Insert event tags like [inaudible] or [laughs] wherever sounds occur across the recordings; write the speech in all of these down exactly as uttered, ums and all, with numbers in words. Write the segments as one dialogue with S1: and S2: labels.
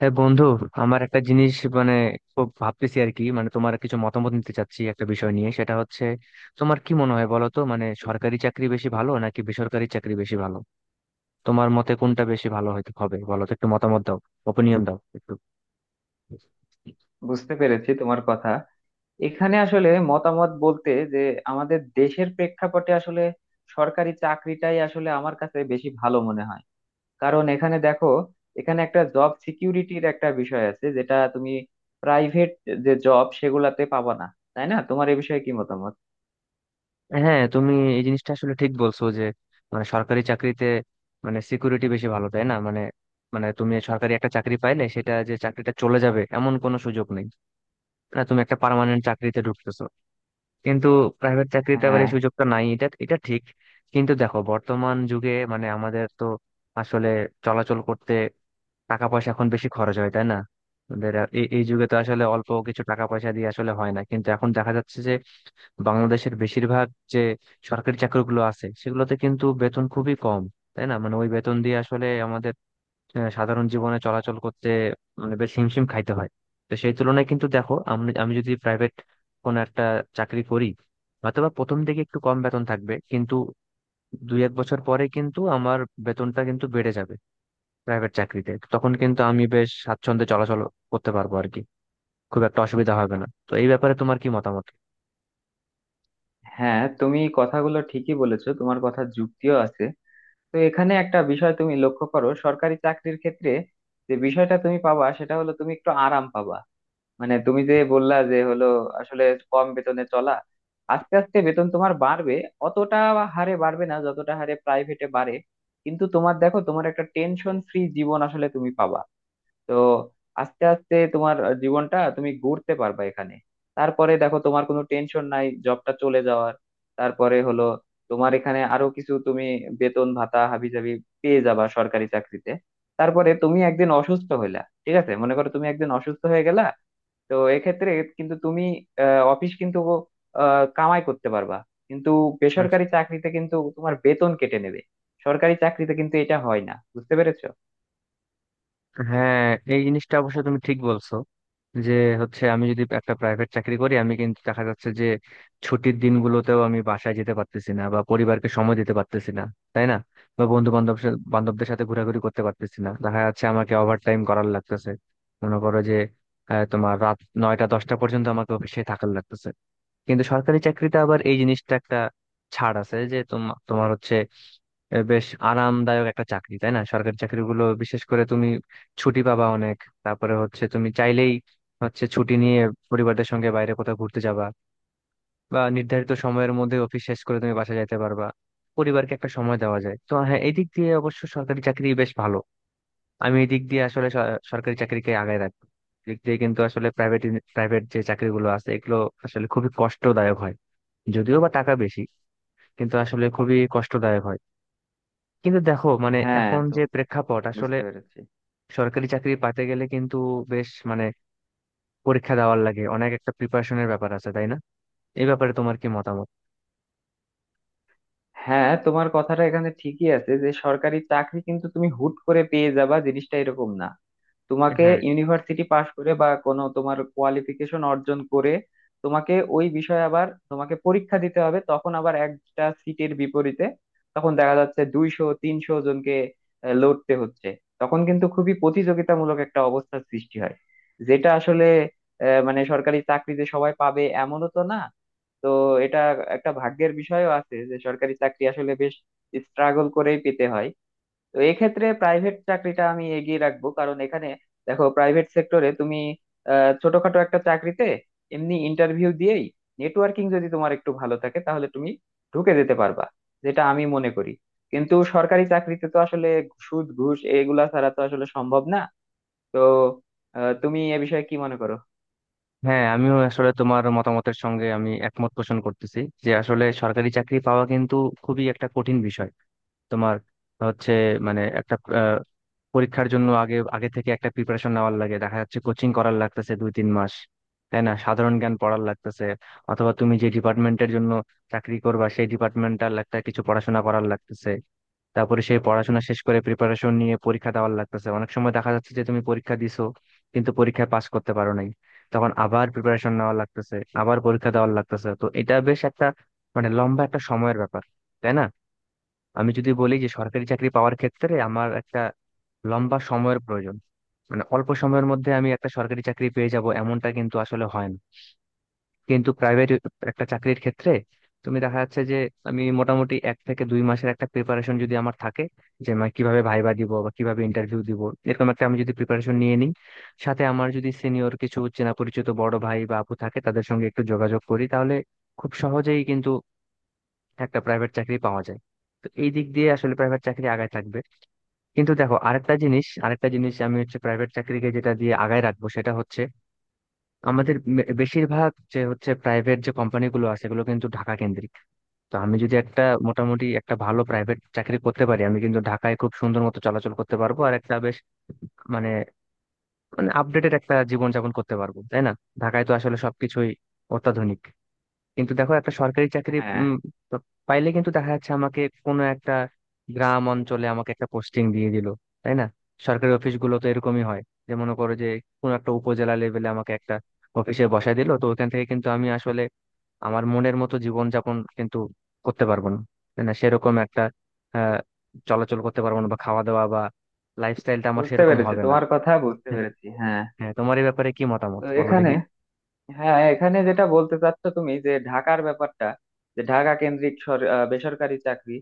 S1: হ্যাঁ বন্ধু। আমার একটা জিনিস, মানে খুব ভাবতেছি আর কি। মানে তোমার কিছু মতামত নিতে চাচ্ছি একটা বিষয় নিয়ে, সেটা হচ্ছে তোমার কি মনে হয় বলো তো, মানে সরকারি চাকরি বেশি ভালো নাকি বেসরকারি চাকরি বেশি ভালো? তোমার মতে কোনটা বেশি ভালো হইতে হবে বলো তো, একটু মতামত দাও, ওপিনিয়ন দাও একটু।
S2: বুঝতে পেরেছি তোমার কথা। এখানে আসলে মতামত বলতে যে আমাদের দেশের প্রেক্ষাপটে আসলে সরকারি চাকরিটাই আসলে আমার কাছে বেশি ভালো মনে হয়। কারণ এখানে দেখো, এখানে একটা জব সিকিউরিটির একটা বিষয় আছে, যেটা তুমি প্রাইভেট যে জব সেগুলাতে পাবা না। তাই না? তোমার এ বিষয়ে কি মতামত?
S1: হ্যাঁ, তুমি এই জিনিসটা আসলে ঠিক বলছো যে মানে সরকারি চাকরিতে মানে সিকিউরিটি বেশি ভালো তাই না। মানে মানে তুমি সরকারি একটা চাকরি পাইলে সেটা যে চাকরিটা চলে যাবে এমন কোনো সুযোগ নেই, না, তুমি একটা পার্মানেন্ট চাকরিতে ঢুকতেছো। কিন্তু প্রাইভেট চাকরিতে আবার
S2: হ্যাঁ,
S1: এই সুযোগটা নাই, এটা এটা ঠিক। কিন্তু দেখো বর্তমান যুগে মানে আমাদের তো আসলে চলাচল করতে টাকা পয়সা এখন বেশি খরচ হয় তাই না। আমাদের আ- এই এই যুগে তো আসলে অল্প কিছু টাকা পয়সা দিয়ে আসলে হয় না, কিন্তু এখন দেখা যাচ্ছে যে বাংলাদেশের বেশিরভাগ যে সরকারি চাকরিগুলো আছে সেগুলোতে কিন্তু বেতন খুবই কম। তাই না, মানে ওই বেতন দিয়ে আসলে আমাদের আহ, সাধারণ জীবনে চলাচল করতে মানে বেশ হিমশিম খাইতে হয়। তো সেই তুলনায় কিন্তু দেখো, আমি আমি যদি প্রাইভেট কোনো একটা চাকরি করি, অথবা প্রথম দিকে একটু কম বেতন থাকবে, কিন্তু দুই এক বছর পরে কিন্তু আমার বেতনটা কিন্তু বেড়ে যাবে প্রাইভেট চাকরিতে। তখন কিন্তু আমি বেশ স্বাচ্ছন্দ্যে চলাচল করতে পারবো আর কি, খুব একটা অসুবিধা হবে না। তো এই ব্যাপারে তোমার কি মতামত?
S2: হ্যাঁ তুমি কথাগুলো ঠিকই বলেছো, তোমার কথা যুক্তিও আছে। তো এখানে একটা বিষয় তুমি লক্ষ্য করো, সরকারি চাকরির ক্ষেত্রে যে বিষয়টা তুমি পাবা সেটা হলো তুমি একটু আরাম পাবা। মানে তুমি যে বললা যে হলো আসলে কম বেতনে চলা, আস্তে আস্তে বেতন তোমার বাড়বে। অতটা হারে বাড়বে না যতটা হারে প্রাইভেটে বাড়ে, কিন্তু তোমার দেখো তোমার একটা টেনশন ফ্রি জীবন আসলে তুমি পাবা। তো আস্তে আস্তে তোমার জীবনটা তুমি গড়তে পারবা এখানে। তারপরে দেখো তোমার কোনো টেনশন নাই জবটা চলে যাওয়ার। তারপরে হলো তোমার এখানে আরো কিছু তুমি বেতন ভাতা হাবিজাবি পেয়ে যাবা সরকারি চাকরিতে। তারপরে তুমি একদিন অসুস্থ হইলা, ঠিক আছে, মনে করো তুমি একদিন অসুস্থ হয়ে গেলা। তো এক্ষেত্রে কিন্তু তুমি আহ, অফিস কিন্তু আহ, কামাই করতে পারবা, কিন্তু
S1: আচ্ছা।
S2: বেসরকারি চাকরিতে কিন্তু তোমার বেতন কেটে নেবে। সরকারি চাকরিতে কিন্তু এটা হয় না, বুঝতে পেরেছো?
S1: হ্যাঁ, এই জিনিসটা অবশ্য তুমি ঠিক বলছো যে হচ্ছে আমি যদি একটা প্রাইভেট চাকরি করি, আমি কিন্তু দেখা যাচ্ছে যে ছুটির দিনগুলোতেও আমি বাসায় যেতে পারতেছি না বা পরিবারকে সময় দিতে পারতেছি না, তাই না। বা বন্ধু বান্ধব বান্ধবদের সাথে ঘোরাঘুরি করতে পারতেছি না, দেখা যাচ্ছে আমাকে ওভার টাইম করার লাগতেছে। মনে করো যে আহ, তোমার রাত নয়টা দশটা পর্যন্ত আমাকে অফিসে থাকার লাগতেছে। কিন্তু সরকারি চাকরিতে আবার এই জিনিসটা একটা ছাড় আছে যে তোমার তোমার হচ্ছে এ, বেশ আরামদায়ক একটা চাকরি তাই না, সরকারি চাকরিগুলো। বিশেষ করে তুমি ছুটি পাবা অনেক। তারপরে হচ্ছে তুমি চাইলেই হচ্ছে ছুটি নিয়ে পরিবারদের সঙ্গে বাইরে কোথাও ঘুরতে যাবা, বা নির্ধারিত সময়ের মধ্যে অফিস শেষ করে তুমি বাসা যাইতে পারবা, পরিবারকে একটা সময় দেওয়া যায়। তো হ্যাঁ, এই দিক দিয়ে অবশ্য সরকারি চাকরি বেশ ভালো। আমি এই দিক দিয়ে আসলে স- সরকারি চাকরিকে আগায় রাখবো। দিক দিয়ে কিন্তু আসলে প্রাইভেট প্রাইভেট যে চাকরিগুলো আছে এগুলো আসলে খুবই কষ্টদায়ক হয়, যদিও বা টাকা বেশি, কিন্তু আসলে খুবই কষ্টদায়ক হয়। কিন্তু দেখো মানে
S2: হ্যাঁ,
S1: এখন
S2: তো
S1: যে প্রেক্ষাপট আসলে,
S2: বুঝতে পেরেছি।
S1: সরকারি চাকরি পাতে গেলে কিন্তু বেশ মানে পরীক্ষা দেওয়ার লাগে অনেক, একটা প্রিপারেশনের ব্যাপার আছে তাই না। এই ব্যাপারে তোমার কি মতামত?
S2: হ্যাঁ তোমার কথাটা এখানে ঠিকই আছে যে সরকারি চাকরি কিন্তু তুমি হুট করে পেয়ে যাবা, জিনিসটা এরকম না। তোমাকে
S1: হ্যাঁ।
S2: ইউনিভার্সিটি পাশ করে বা কোনো তোমার কোয়ালিফিকেশন অর্জন করে তোমাকে ওই বিষয়ে আবার তোমাকে পরীক্ষা দিতে হবে। তখন আবার একটা সিটের বিপরীতে তখন দেখা যাচ্ছে দুইশো তিনশো জনকে আহ, লড়তে হচ্ছে। তখন কিন্তু খুবই প্রতিযোগিতামূলক একটা অবস্থার সৃষ্টি হয়, যেটা আসলে আহ, মানে সরকারি চাকরি যে সবাই পাবে এমনও তো না। তো এটা একটা ভাগ্যের বিষয়ও আছে, যে সরকারি চাকরি আসলে বেশ স্ট্রাগল করেই পেতে হয়। তো এক্ষেত্রে প্রাইভেট চাকরিটা আমি এগিয়ে রাখবো, কারণ এখানে দেখো প্রাইভেট সেক্টরে তুমি আহ, ছোটখাটো একটা চাকরিতে এমনি ইন্টারভিউ দিয়েই, নেটওয়ার্কিং যদি তোমার একটু ভালো থাকে তাহলে তুমি ঢুকে যেতে পারবা, যেটা আমি মনে করি। কিন্তু সরকারি চাকরিতে তো আসলে সুদ ঘুষ এগুলা ছাড়া তো আসলে সম্ভব না। তো আহ, তুমি এ বিষয়ে কি মনে করো?
S1: হ্যাঁ, আমিও আসলে তোমার মতামতের সঙ্গে আমি একমত পোষণ করতেছি যে আসলে সরকারি চাকরি পাওয়া কিন্তু খুবই একটা কঠিন বিষয়। তোমার হচ্ছে মানে একটা পরীক্ষার জন্য আগে আগে থেকে একটা প্রিপারেশন নেওয়ার লাগে, দেখা যাচ্ছে কোচিং করার লাগতেছে দুই তিন মাস, তাই না, সাধারণ জ্ঞান পড়ার লাগতেছে। অথবা তুমি যে ডিপার্টমেন্টের জন্য চাকরি করবা সেই ডিপার্টমেন্টাল একটা কিছু পড়াশোনা করার লাগতেছে। তারপরে সেই পড়াশোনা শেষ করে প্রিপারেশন নিয়ে পরীক্ষা দেওয়ার লাগতেছে, অনেক সময় দেখা যাচ্ছে যে তুমি পরীক্ষা দিছো কিন্তু পরীক্ষায় পাস করতে পারো নাই, তখন আবার প্রিপারেশন নেওয়া লাগতেছে, আবার পরীক্ষা দেওয়ার লাগতেছে। তো এটা বেশ একটা মানে লম্বা একটা সময়ের ব্যাপার, তাই না। আমি যদি বলি যে সরকারি চাকরি পাওয়ার ক্ষেত্রে আমার একটা লম্বা সময়ের প্রয়োজন, মানে অল্প সময়ের মধ্যে আমি একটা সরকারি চাকরি পেয়ে যাব এমনটা কিন্তু আসলে হয় না। কিন্তু প্রাইভেট একটা চাকরির ক্ষেত্রে তুমি দেখা যাচ্ছে যে আমি মোটামুটি এক থেকে দুই মাসের একটা প্রিপারেশন যদি আমার থাকে, যে আমি কিভাবে ভাইবা দিব বা কিভাবে ইন্টারভিউ দিব, এরকম একটা আমি যদি প্রিপারেশন নিয়ে নিই, সাথে আমার যদি সিনিয়র কিছু চেনা পরিচিত বড় ভাই বা আপু থাকে তাদের সঙ্গে একটু যোগাযোগ করি, তাহলে খুব সহজেই কিন্তু একটা প্রাইভেট চাকরি পাওয়া যায়। তো এই দিক দিয়ে আসলে প্রাইভেট চাকরি আগায় থাকবে। কিন্তু দেখো আরেকটা জিনিস, আরেকটা জিনিস আমি হচ্ছে প্রাইভেট চাকরিকে যেটা দিয়ে আগায় রাখবো সেটা হচ্ছে আমাদের মে- বেশিরভাগ যে হচ্ছে প্রাইভেট যে কোম্পানিগুলো আছে এগুলো কিন্তু ঢাকা কেন্দ্রিক। তো আমি যদি একটা মোটামুটি একটা ভালো প্রাইভেট চাকরি করতে পারি, আমি কিন্তু ঢাকায় খুব সুন্দর মতো চলাচল করতে পারবো আর একটা বেশ মানে মানে আপডেটেড একটা জীবনযাপন করতে পারবো, তাই না। ঢাকায় তো আসলে সবকিছুই অত্যাধুনিক। কিন্তু দেখো একটা সরকারি চাকরি
S2: হ্যাঁ,
S1: উম, তো পাইলে কিন্তু দেখা যাচ্ছে আমাকে কোনো একটা গ্রাম অঞ্চলে আমাকে একটা পোস্টিং দিয়ে দিল, তাই না। সরকারি অফিসগুলো তো এরকমই হয়, যে মনে করো যে কোনো একটা উপজেলা লেভেলে আমাকে একটা অফিসে বসায় দিল, তো ওইখান থেকে কিন্তু আমি আসলে আমার মনের মতো জীবনযাপন কিন্তু করতে পারবো না, তাই না। সেরকম একটা আহ চলাচল করতে পারবো না, বা খাওয়া দাওয়া বা লাইফস্টাইলটা আমার
S2: বুঝতে
S1: সেরকম
S2: পেরেছি
S1: হবে না।
S2: তোমার কথা, বুঝতে
S1: হ্যাঁ।
S2: পেরেছি। হ্যাঁ,
S1: হ্যাঁ, তোমার এই ব্যাপারে কি
S2: তো
S1: মতামত বলো
S2: এখানে
S1: দেখি।
S2: হ্যাঁ এখানে যেটা বলতে চাচ্ছ তুমি, যে ঢাকার ব্যাপারটা, যে ঢাকা কেন্দ্রিক সর- আহ, বেসরকারি চাকরি,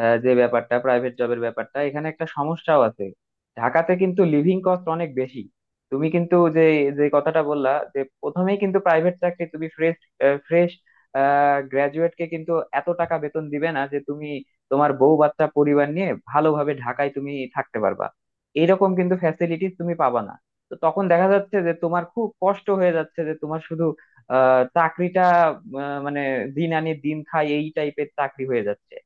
S2: আহ, যে ব্যাপারটা প্রাইভেট জবের ব্যাপারটা, এখানে একটা সমস্যাও আছে। ঢাকাতে কিন্তু লিভিং কস্ট অনেক বেশি। তুমি কিন্তু যে যে কথাটা বললা, যে প্রথমেই কিন্তু প্রাইভেট চাকরি তুমি ফ্রেশ ফ্রেশ গ্রাজুয়েট কে কিন্তু এত টাকা বেতন দিবে না যে তুমি তোমার বউ বাচ্চা পরিবার নিয়ে ভালোভাবে ঢাকায় তুমি থাকতে পারবা। এরকম কিন্তু ফ্যাসিলিটিস তুমি পাবা না। তো তখন দেখা যাচ্ছে যে তোমার খুব কষ্ট হয়ে যাচ্ছে, যে তোমার শুধু আহ চাকরিটা আহ, মানে দিন আনি দিন খাই এই টাইপের চাকরি হয়ে যাচ্ছে।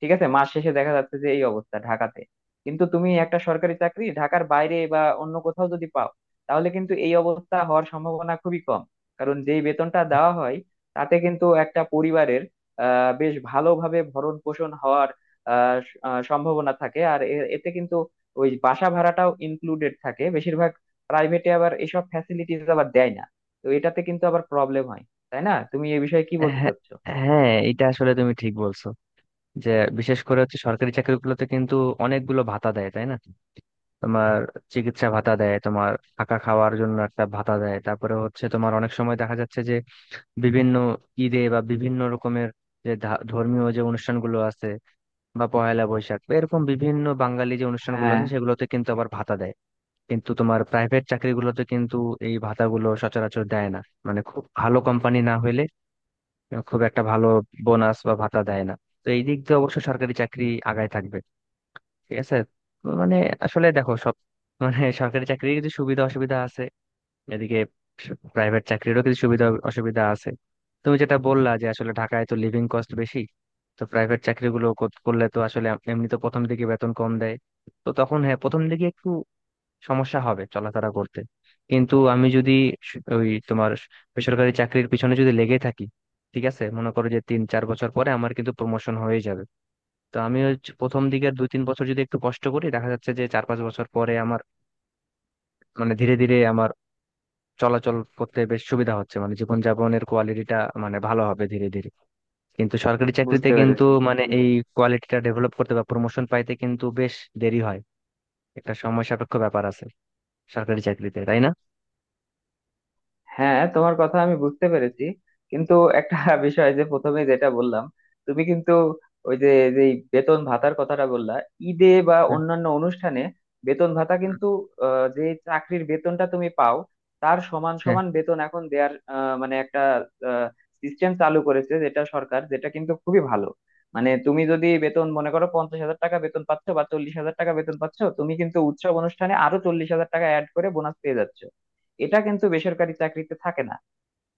S2: ঠিক আছে, মাস শেষে দেখা যাচ্ছে যে এই অবস্থা ঢাকাতে। কিন্তু তুমি একটা সরকারি চাকরি ঢাকার বাইরে বা অন্য কোথাও যদি পাও, তাহলে কিন্তু এই অবস্থা হওয়ার সম্ভাবনা খুবই কম। কারণ যেই বেতনটা দেওয়া হয় তাতে কিন্তু একটা পরিবারের আহ বেশ ভালোভাবে ভরণ পোষণ হওয়ার আহ স- আহ, সম্ভাবনা থাকে। আর এ- এতে কিন্তু ওই বাসা ভাড়াটাও ইনক্লুডেড থাকে বেশিরভাগ। প্রাইভেটে আবার এইসব ফ্যাসিলিটিস আবার দেয় না, তো এটাতে কিন্তু আবার প্রবলেম হয়। তাই না? তুমি এই বিষয়ে কি বলতে
S1: হ্যাঁ।
S2: চাচ্ছো?
S1: হ্যাঁ, এটা আসলে তুমি ঠিক বলছো যে বিশেষ করে হচ্ছে সরকারি চাকরিগুলোতে কিন্তু অনেকগুলো ভাতা দেয়, তাই না। তোমার চিকিৎসা ভাতা দেয়, তোমার থাকা খাওয়ার জন্য একটা ভাতা দেয়, তারপরে হচ্ছে তোমার অনেক সময় দেখা যাচ্ছে যে বিভিন্ন ঈদে বা বিভিন্ন রকমের যে ধা- ধর্মীয় যে অনুষ্ঠানগুলো আছে, বা পয়লা বৈশাখ বা এরকম বিভিন্ন বাঙালি যে অনুষ্ঠানগুলো
S2: হ্যাঁ,
S1: আছে সেগুলোতে কিন্তু আবার ভাতা দেয়। কিন্তু তোমার প্রাইভেট চাকরিগুলোতে কিন্তু এই ভাতাগুলো সচরাচর দেয় না, মানে খুব ভালো কোম্পানি না হইলে খুব একটা ভালো বোনাস বা ভাতা দেয় না। তো এই দিক দিয়ে অবশ্য সরকারি চাকরি আগায় থাকবে। ঠিক আছে। তো মানে আসলে দেখো, সব মানে সরকারি চাকরির কিছু সুবিধা অসুবিধা আছে, এদিকে প্রাইভেট চাকরিরও কিছু সুবিধা অসুবিধা আছে। তুমি যেটা বললা যে আসলে ঢাকায় তো লিভিং কস্ট বেশি, তো প্রাইভেট চাকরিগুলো কর- করলে তো আসলে এমনি তো প্রথম দিকে বেতন কম দেয়, তো তখন হ্যাঁ প্রথম দিকে একটু সমস্যা হবে চলাফেরা করতে। কিন্তু আমি যদি স- ওই তোমার বেসরকারি চাকরির পিছনে যদি লেগে থাকি, ঠিক আছে, মনে করো যে তিন চার বছর পরে আমার কিন্তু প্রমোশন হয়ে যাবে। তো আমি ওই চ- প্রথম দিকের দুই তিন বছর যদি একটু কষ্ট করি, দেখা যাচ্ছে যে চার পাঁচ বছর পরে আমার মানে ধীরে ধীরে আমার চলাচল করতে বেশ সুবিধা হচ্ছে, মানে জীবনযাপনের কোয়ালিটিটা মানে ভালো হবে ধীরে ধীরে। কিন্তু সরকারি চাকরিতে
S2: বুঝতে
S1: কিন্তু
S2: পেরেছি।
S1: মানে এই কোয়ালিটিটা ডেভেলপ করতে বা প্রমোশন পাইতে কিন্তু বেশ দেরি হয়, একটা সময় সাপেক্ষ ব্যাপার আছে সরকারি চাকরিতে, তাই না।
S2: হ্যাঁ তোমার কথা আমি বুঝতে পেরেছি, কিন্তু একটা [laughs] বিষয়, যে প্রথমে যেটা বললাম, তুমি কিন্তু ওই যে, যে বেতন ভাতার কথাটা বললা ঈদে বা
S1: হ্যাঁ,
S2: অন্যান্য অনুষ্ঠানে, বেতন ভাতা কিন্তু আহ, যে চাকরির বেতনটা তুমি পাও তার সমান
S1: হ্যাঁ,
S2: সমান বেতন এখন দেয়ার আহ, মানে একটা সিস্টেম চালু করেছে, যেটা সরকার, যেটা কিন্তু খুবই ভালো। মানে তুমি যদি বেতন মনে করো পঞ্চাশ হাজার টাকা বেতন পাচ্ছ বা চল্লিশ হাজার টাকা বেতন পাচ্ছ, তুমি কিন্তু উৎসব অনুষ্ঠানে আরো চল্লিশ হাজার টাকা অ্যাড করে বোনাস পেয়ে যাচ্ছ। এটা কিন্তু বেসরকারি চাকরিতে থাকে না।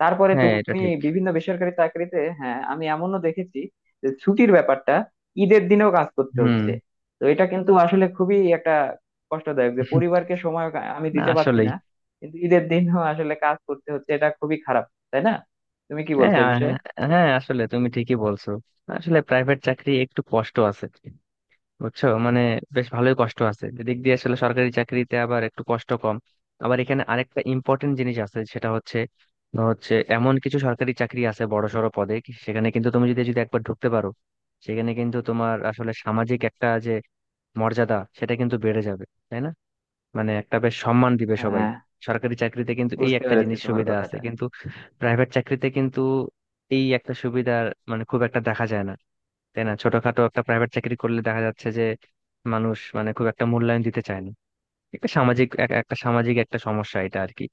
S2: তারপরে
S1: হ্যাঁ, এটা
S2: তুমি
S1: ঠিক।
S2: বিভিন্ন বেসরকারি চাকরিতে, হ্যাঁ আমি এমনও দেখেছি যে ছুটির ব্যাপারটা, ঈদের দিনেও কাজ করতে
S1: হুম।
S2: হচ্ছে। তো এটা কিন্তু আসলে খুবই একটা কষ্টদায়ক, যে
S1: [laughs]
S2: পরিবারকে সময় আমি
S1: না,
S2: দিতে পারছি
S1: আসলেই।
S2: না, কিন্তু ঈদের দিনও আসলে কাজ করতে হচ্ছে। এটা খুবই খারাপ, তাই না? তুমি কি
S1: হ্যাঁ
S2: বলছো এই
S1: আ-
S2: বিষয়ে?
S1: হ্যাঁ আসলে তুমি ঠিকই বলছো, আসলে প্রাইভেট চাকরি একটু কষ্ট আছে, বুঝছো, মানে বেশ ভালোই কষ্ট আছে দিক দিয়ে। আসলে সরকারি চাকরিতে আবার একটু কষ্ট কম। আবার এখানে আরেকটা ইম্পর্টেন্ট জিনিস আছে, সেটা হচ্ছে হচ্ছে এমন কিছু সরকারি চাকরি আছে বড় সড় পদে কি, সেখানে কিন্তু তুমি যদি যদি একবার ঢুকতে পারো, সেখানে কিন্তু তোমার আসলে সামাজিক একটা যে মর্যাদা, সেটা কিন্তু বেড়ে যাবে, তাই না। মানে একটা বেশ সম্মান দিবে সবাই,
S2: হ্যাঁ,
S1: সরকারি চাকরিতে কিন্তু এই
S2: বুঝতে
S1: একটা
S2: পেরেছি
S1: জিনিস
S2: তোমার
S1: সুবিধা আছে
S2: কথাটা।
S1: কিন্তু। প্রাইভেট চাকরিতে কিন্তু এই একটা সুবিধা মানে খুব একটা দেখা যায় না, তাই না। ছোটখাটো একটা প্রাইভেট চাকরি করলে দেখা যাচ্ছে যে মানুষ মানে খুব একটা মূল্যায়ন দিতে চায় না, একটা সামাজিক এক- একটা সামাজিক একটা সমস্যা এটা আর কি।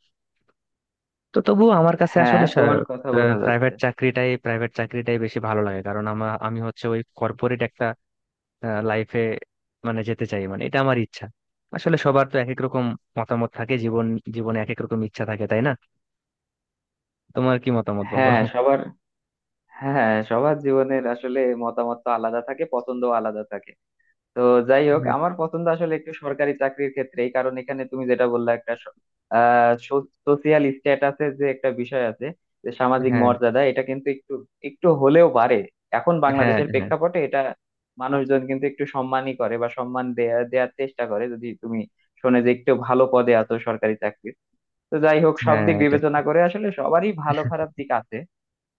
S1: তো তবুও আমার কাছে
S2: হ্যাঁ
S1: আসলে
S2: তোমার কথা বোঝা
S1: প্রাইভেট
S2: যাচ্ছে।
S1: চাকরিটাই প্রাইভেট চাকরিটাই বেশি ভালো লাগে, কারণ আমার আমি হচ্ছে ওই কর্পোরেট একটা লাইফে মানে যেতে চাই, মানে এটা আমার ইচ্ছা। আসলে সবার তো এক এক রকম মতামত থাকে, জীবন জীবনে এক এক রকম ইচ্ছা থাকে, তাই না। তোমার কি মতামত বলো?
S2: হ্যাঁ সবার হ্যাঁ সবার জীবনের আসলে মতামত তো আলাদা থাকে, পছন্দও আলাদা থাকে। তো যাই হোক,
S1: হ্যাঁ,
S2: আমার পছন্দ আসলে একটু সরকারি চাকরির ক্ষেত্রেই, কারণ এখানে তুমি যেটা বললা একটা স- আহ সোশিয়াল স্ট্যাটাসের যে একটা বিষয় আছে, যে সামাজিক
S1: হ্যাঁ,
S2: মর্যাদা এটা কিন্তু একটু, একটু হলেও বাড়ে। এখন
S1: হ্যাঁ।
S2: বাংলাদেশের
S1: হ্যাঁ,
S2: প্রেক্ষাপটে এটা মানুষজন কিন্তু একটু সম্মানই করে বা সম্মান দেয়া দেওয়ার চেষ্টা করে, যদি তুমি শোনে যে একটু ভালো পদে আছো সরকারি চাকরির। তো যাই হোক, সব
S1: হ্যাঁ,
S2: দিক
S1: এটা
S2: বিবেচনা করে আসলে সবারই ভালো খারাপ দিক আছে।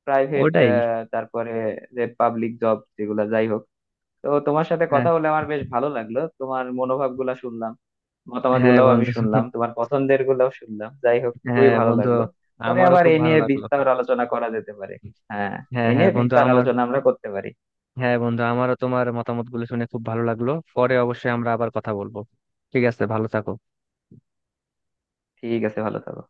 S2: প্রাইভেট,
S1: ওটাই।
S2: তারপরে যে পাবলিক জব যেগুলা, যাই হোক, তো তোমার সাথে
S1: হ্যাঁ,
S2: কথা বলে আমার বেশ ভালো লাগলো, তোমার মনোভাব গুলা শুনলাম, মতামত
S1: হ্যাঁ,
S2: গুলাও আমি
S1: বন্ধু।
S2: শুনলাম, তোমার পছন্দের গুলাও শুনলাম। যাই হোক, খুবই
S1: হ্যাঁ
S2: ভালো
S1: বন্ধু,
S2: লাগলো। পরে
S1: আমারও
S2: আবার
S1: খুব
S2: এ
S1: ভালো
S2: নিয়ে
S1: লাগলো।
S2: বিস্তার আলোচনা করা যেতে পারে। হ্যাঁ,
S1: হ্যাঁ,
S2: এ
S1: হ্যাঁ
S2: নিয়ে
S1: বন্ধু
S2: বিস্তার
S1: আমার।
S2: আলোচনা আমরা করতে পারি।
S1: হ্যাঁ বন্ধু, আমারও তোমার মতামত গুলো শুনে খুব ভালো লাগলো। পরে অবশ্যই আমরা আবার কথা বলবো। ঠিক আছে, ভালো থাকো।
S2: ঠিক আছে, ভালো থাকো।